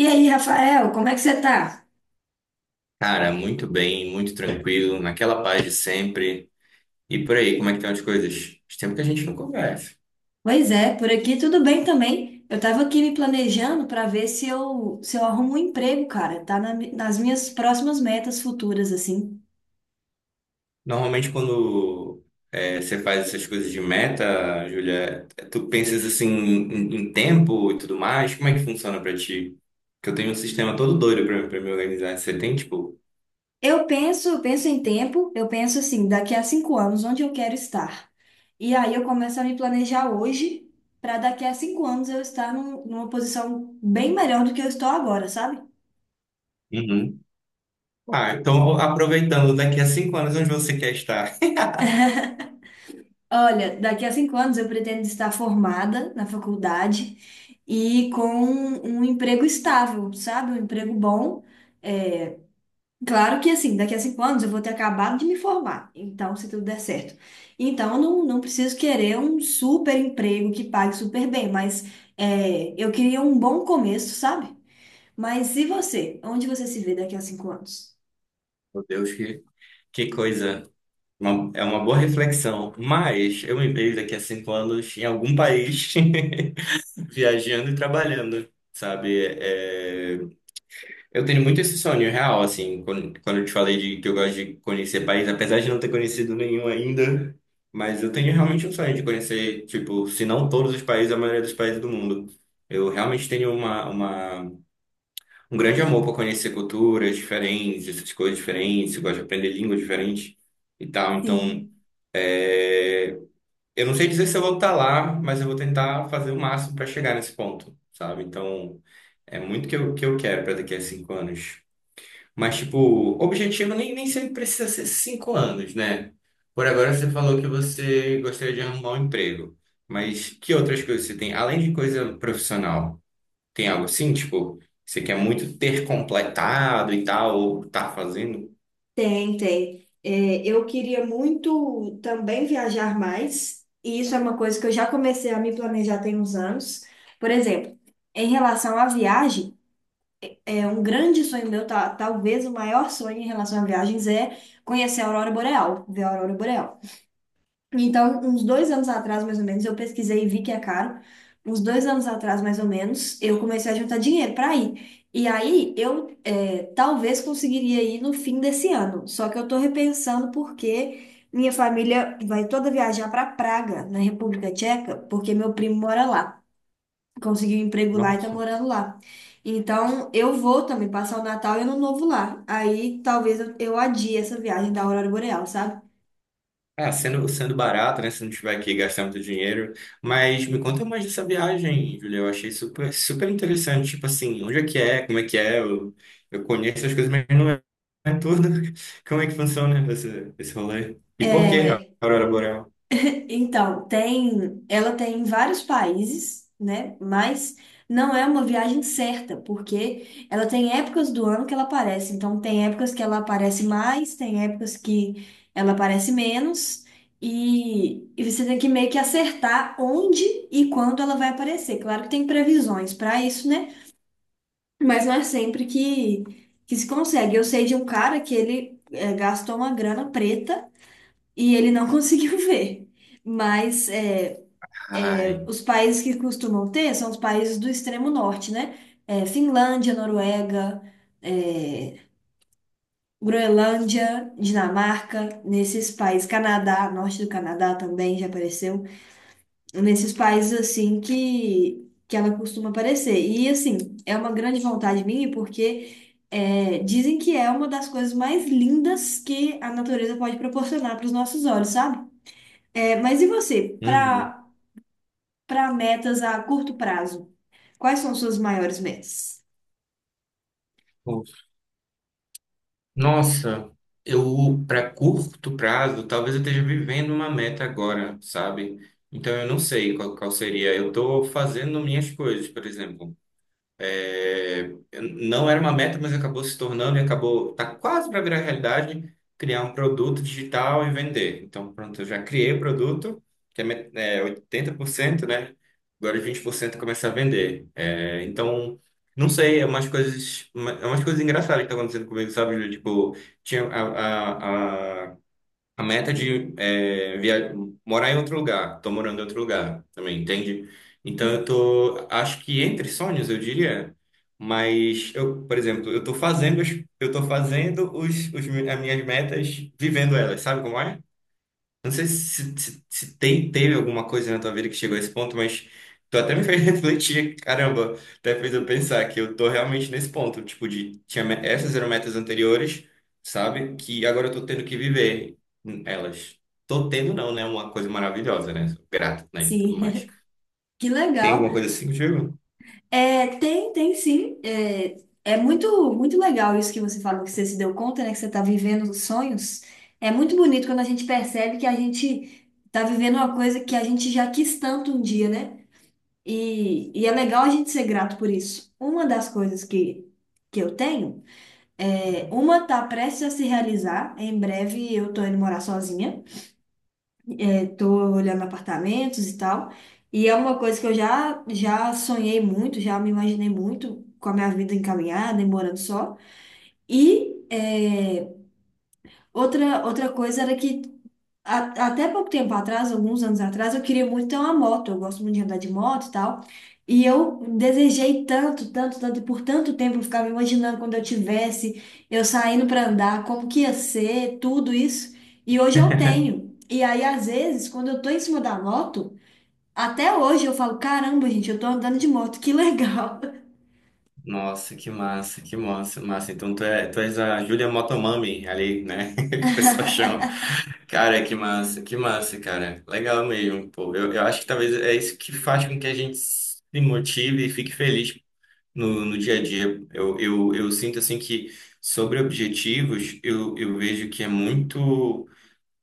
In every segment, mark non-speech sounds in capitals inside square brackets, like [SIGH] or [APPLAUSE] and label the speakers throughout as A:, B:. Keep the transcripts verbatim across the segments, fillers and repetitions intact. A: E aí, Rafael, como é que você tá?
B: Cara, muito bem, muito tranquilo, naquela paz de sempre. E por aí, como é que estão as coisas? Faz tempo que a gente não conversa.
A: Pois é, por aqui tudo bem também. Eu tava aqui me planejando para ver se eu, se eu arrumo um emprego, cara. Tá na mi- nas minhas próximas metas futuras, assim.
B: Normalmente, quando é, você faz essas coisas de meta, Júlia, tu pensas assim em, em tempo e tudo mais, como é que funciona pra ti? Que eu tenho um sistema todo doido pra, pra me organizar. Você tem, tipo?
A: Eu penso, eu penso em tempo, eu penso assim, daqui a cinco anos, onde eu quero estar. E aí eu começo a me planejar hoje para daqui a cinco anos eu estar num- numa posição bem melhor do que eu estou agora, sabe?
B: Uhum. Ah, então aproveitando, daqui a cinco anos, onde você quer estar?
A: Olha, daqui a cinco anos eu pretendo estar formada na faculdade e com um emprego estável, sabe? Um emprego bom. É, claro que assim, daqui a cinco anos eu vou ter acabado de me formar, então se tudo der certo. Então eu não, não preciso querer um super emprego que pague super bem, mas é, eu queria um bom começo, sabe? Mas e você? Onde você se vê daqui a cinco anos?
B: Meu Deus, que, que coisa. Uma- é uma boa reflexão, mas eu me vejo daqui a cinco anos em algum país [LAUGHS] viajando e trabalhando, sabe? É, eu tenho muito esse sonho real, assim, quando, quando eu te falei de que eu gosto de conhecer país, apesar de não ter conhecido nenhum ainda, mas eu tenho realmente um sonho de conhecer, tipo, se não todos os países, a maioria dos países do mundo. Eu realmente tenho uma, uma, um grande amor por conhecer culturas diferentes, essas coisas diferentes, eu gosto de aprender línguas diferentes e tal, então.
A: Sim.
B: é, eu não sei dizer se eu vou estar lá, mas eu vou tentar fazer o máximo para chegar nesse ponto, sabe? Então, é muito que eu, que eu quero para daqui a cinco anos. Mas, tipo, objetivo nem, nem sempre precisa ser cinco anos, né? Por agora, você falou que você gostaria de arrumar um emprego. Mas que outras coisas você tem? Além de coisa profissional, tem algo assim, tipo, você quer muito ter completado e tal, ou tá fazendo?
A: Tem, tem. É, eu queria muito também viajar mais, e isso é uma coisa que eu já comecei a me planejar tem uns anos. Por exemplo, em relação à viagem, é um grande sonho meu, ta- talvez o maior sonho em relação a viagens é conhecer a Aurora Boreal, ver a Aurora Boreal. Então, uns dois anos atrás, mais ou menos, eu pesquisei e vi que é caro. Uns dois anos atrás, mais ou menos, eu comecei a juntar dinheiro para ir. E aí, eu é, talvez conseguiria ir no fim desse ano. Só que eu estou repensando porque minha família vai toda viajar para Praga, na República Tcheca, porque meu primo mora lá. Conseguiu um emprego lá e
B: Não.
A: está morando lá. Então, eu vou também passar o Natal e o Ano Novo lá. Aí, talvez eu, eu adie essa viagem da Aurora Boreal, sabe?
B: É, sendo, sendo barato, né? Se não tiver que gastar muito dinheiro. Mas me conta mais dessa viagem, Julia. Eu achei super, super interessante. Tipo assim, onde é que é? Como é que é? Eu, eu conheço as coisas, mas não é é tudo. [LAUGHS] Como é que funciona esse, esse rolê? E por que a
A: É,
B: Aurora Boreal?
A: então, tem, ela tem em vários países, né? Mas não é uma viagem certa, porque ela tem épocas do ano que ela aparece. Então, tem épocas que ela aparece mais, tem épocas que ela aparece menos, e, e você tem que meio que acertar onde e quando ela vai aparecer. Claro que tem previsões para isso, né? Mas não é sempre que, que se consegue. Eu sei de um cara que ele eh, gastou uma grana preta e ele não [LAUGHS] conseguiu ver. Mas é,
B: Ai,
A: os países que costumam ter são os países do extremo norte, né? É, Finlândia, Noruega, é, Groenlândia, Dinamarca, nesses países, Canadá, norte do Canadá também já apareceu, nesses países assim que, que ela costuma aparecer. E assim, é uma grande vontade minha porque é, dizem que é uma das coisas mais lindas que a natureza pode proporcionar para os nossos olhos, sabe? É, mas e você,
B: uhum.
A: para para metas a curto prazo? Quais são suas maiores metas?
B: Nossa, eu, para curto prazo, talvez eu esteja vivendo uma meta agora, sabe? Então eu não sei qual, qual seria. Eu tô fazendo minhas coisas, por exemplo. É, não era uma meta, mas acabou se tornando e acabou, tá quase para virar realidade, criar um produto digital e vender. Então, pronto, eu já criei o produto, que é, met- é oitenta por cento, né? Agora vinte por cento começar a vender. É, então, não sei, é umas coisas, uma- é umas coisas engraçadas que estão acontecendo comigo, sabe, Júlio? Tipo, tinha a, a, a a meta de é, via... morar em outro lugar. Tô morando em outro lugar também, entende? Então eu tô, acho que entre sonhos, eu diria. Mas eu, por exemplo, eu tô fazendo, os- eu tô fazendo os, os, mi- as minhas metas, vivendo elas, sabe como é? Não sei se, se, se tem, teve alguma coisa na tua vida que chegou a esse ponto, mas tu até me fez [LAUGHS] refletir, caramba, até fez eu pensar que eu tô realmente nesse ponto, tipo, de tinha me- essas eram metas anteriores, sabe? Que agora eu tô tendo que viver elas. Tô tendo não, né? Uma coisa maravilhosa, né? Sou grato, né? E tudo mais.
A: Sim, [LAUGHS] que
B: Tem
A: legal.
B: alguma coisa assim contigo?
A: É, tem, tem sim. É, é muito, muito legal isso que você falou, que você se deu conta, né? Que você está vivendo os sonhos. É muito bonito quando a gente percebe que a gente está vivendo uma coisa que a gente já quis tanto um dia, né? E, e é legal a gente ser grato por isso. Uma das coisas que, que eu tenho, é, uma tá prestes a se realizar. Em breve eu tô indo morar sozinha. Estou olhando apartamentos e tal. E é uma coisa que eu já, já sonhei muito, já me imaginei muito com a minha vida encaminhada e morando só. E é, outra, outra coisa era que a- até pouco tempo atrás, alguns anos atrás, eu queria muito ter uma moto. Eu gosto muito de andar de moto e tal. E eu desejei tanto, tanto, tanto, e por tanto tempo eu ficava imaginando quando eu tivesse, eu saindo para andar, como que ia ser, tudo isso. E hoje eu
B: [LAUGHS]
A: tenho. E aí, às vezes, quando eu tô em cima da moto, até hoje eu falo, caramba, gente, eu tô andando de moto, que legal.
B: Nossa, que massa, que massa, massa. Então tu, é, tu és a Julia Motomami ali, né? [LAUGHS] Que o
A: [LAUGHS]
B: pessoal chama. Cara, que massa, que massa, cara. Legal mesmo, pô. Eu, eu acho que talvez é isso que faz com que a gente se motive e fique feliz no, no dia a dia. Eu, eu, eu sinto assim que sobre objetivos, eu, eu vejo que é muito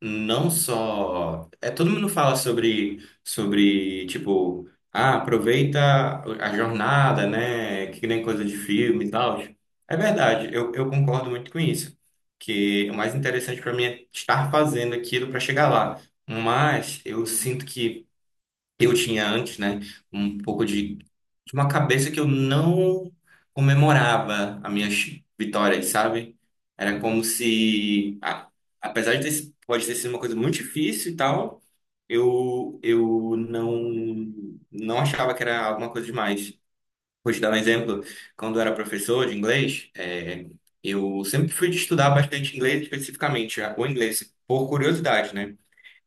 B: não só é todo mundo fala sobre sobre tipo, ah, aproveita a jornada, né, que nem coisa de filme e tal. É verdade, eu, eu concordo muito com isso, que o mais interessante para mim é estar fazendo aquilo para chegar lá. Mas eu sinto que eu tinha antes, né, um pouco de, de uma cabeça que eu não comemorava as minhas vitórias, sabe? Era como se, a- apesar de ter, si- pode ter sido uma coisa muito difícil e tal, eu, eu não, não achava que era alguma coisa demais. Vou te dar um exemplo. Quando eu era professor de inglês, é, eu sempre fui de estudar bastante inglês, especificamente, ah, o inglês, por curiosidade, né?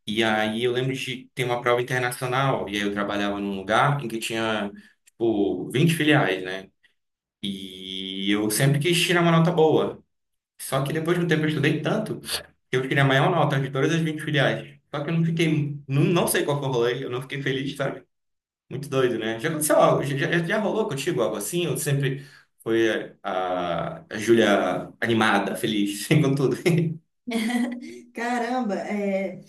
B: E aí eu lembro de ter uma prova internacional, e aí eu trabalhava num lugar em que tinha, tipo, vinte filiais, né? E eu sempre quis tirar uma nota boa. Só que depois de um tempo eu estudei tanto que eu tirei a maior nota de todas as vinte filiais. Só que eu não fiquei, não, não sei qual foi o rolê, eu não fiquei feliz, sabe? Muito doido, né? Já aconteceu algo, já, já, já rolou contigo algo assim? Eu sempre foi a, a Júlia animada, feliz, [LAUGHS] com tudo.
A: Caramba, é...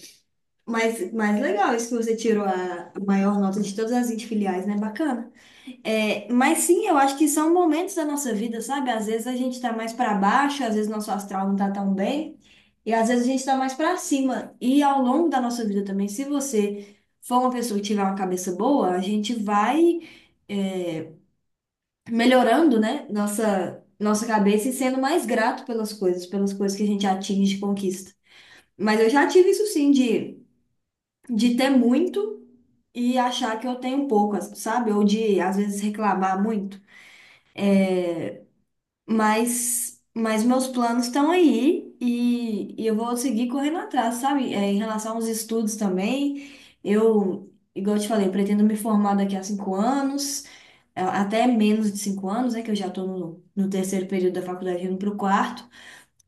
A: Mas, mas legal isso que você tirou a a maior nota de todas as vinte filiais, né? Bacana. É, mas sim, eu acho que são momentos da nossa vida, sabe? Às vezes a gente tá mais pra baixo, às vezes nosso astral não tá tão bem, e às vezes a gente tá mais pra cima. E ao longo da nossa vida também, se você for uma pessoa que tiver uma cabeça boa, a gente vai melhorando, né, nossa, nossa cabeça e sendo mais grato pelas coisas, pelas coisas que a gente atinge e conquista. Mas eu já tive isso sim, de, de ter muito e achar que eu tenho pouco, sabe? Ou de, às vezes, reclamar muito. Mas, mas meus planos estão aí e, e eu vou seguir correndo atrás, sabe? É, em relação aos estudos também, eu, igual eu te falei, pretendo me formar daqui a cinco anos. É, até menos de cinco anos, né, que eu já estou no, no terceiro período da faculdade, indo para o quarto.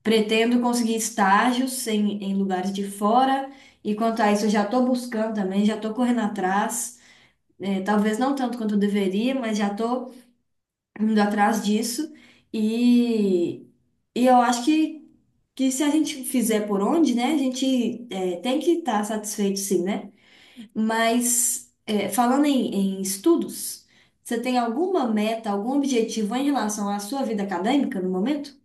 A: Pretendo conseguir estágios em, em lugares de fora, e quanto a isso, eu já estou buscando também, já estou correndo atrás, é, talvez não tanto quanto eu deveria, mas já estou indo atrás disso. E, e eu acho que, que se a gente fizer por onde, né, a gente é, tem que estar satisfeito, sim, né? Mas é, falando em, em estudos, você tem alguma meta, algum objetivo em relação à sua vida acadêmica no momento?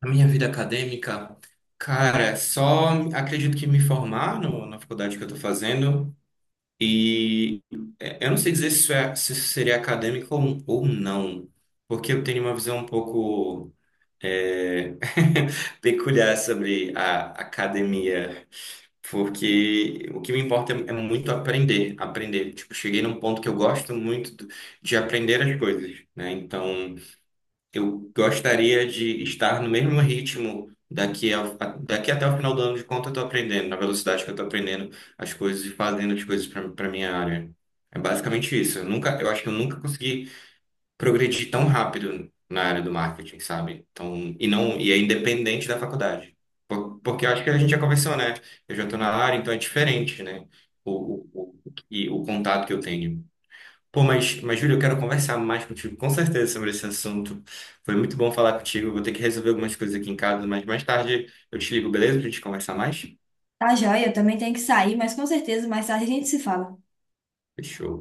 B: A minha vida acadêmica, cara, só acredito que me formar no, na faculdade que eu tô fazendo e é, eu não sei dizer se isso, é, se isso seria acadêmico ou, ou não, porque eu tenho uma visão um pouco, é, [LAUGHS] peculiar sobre a academia, porque o que me importa é, é muito aprender, aprender. Tipo, cheguei num ponto que eu gosto muito do- de aprender as coisas, né? Então eu gostaria de estar no mesmo ritmo daqui, a, a- daqui até o final do ano, de quanto eu estou aprendendo, na velocidade que eu estou aprendendo as coisas e fazendo as coisas para a minha área. É basicamente isso. Eu nunca, eu acho que eu nunca consegui progredir tão rápido na área do marketing, sabe? Então, e não, e é independente da faculdade. Por- porque eu acho que a gente já conversou, né? Eu já estou na área, então é diferente, né? O, o, o, e o contato que eu tenho. Pô, mas, mas Júlio, eu quero conversar mais contigo, com certeza, sobre esse assunto. Foi muito bom falar contigo. Eu vou ter que resolver algumas coisas aqui em casa, mas mais tarde eu te ligo, beleza? Pra gente conversar mais?
A: Tá, joia, eu também tenho que sair, mas com certeza mais tarde a gente se fala.
B: Fechou.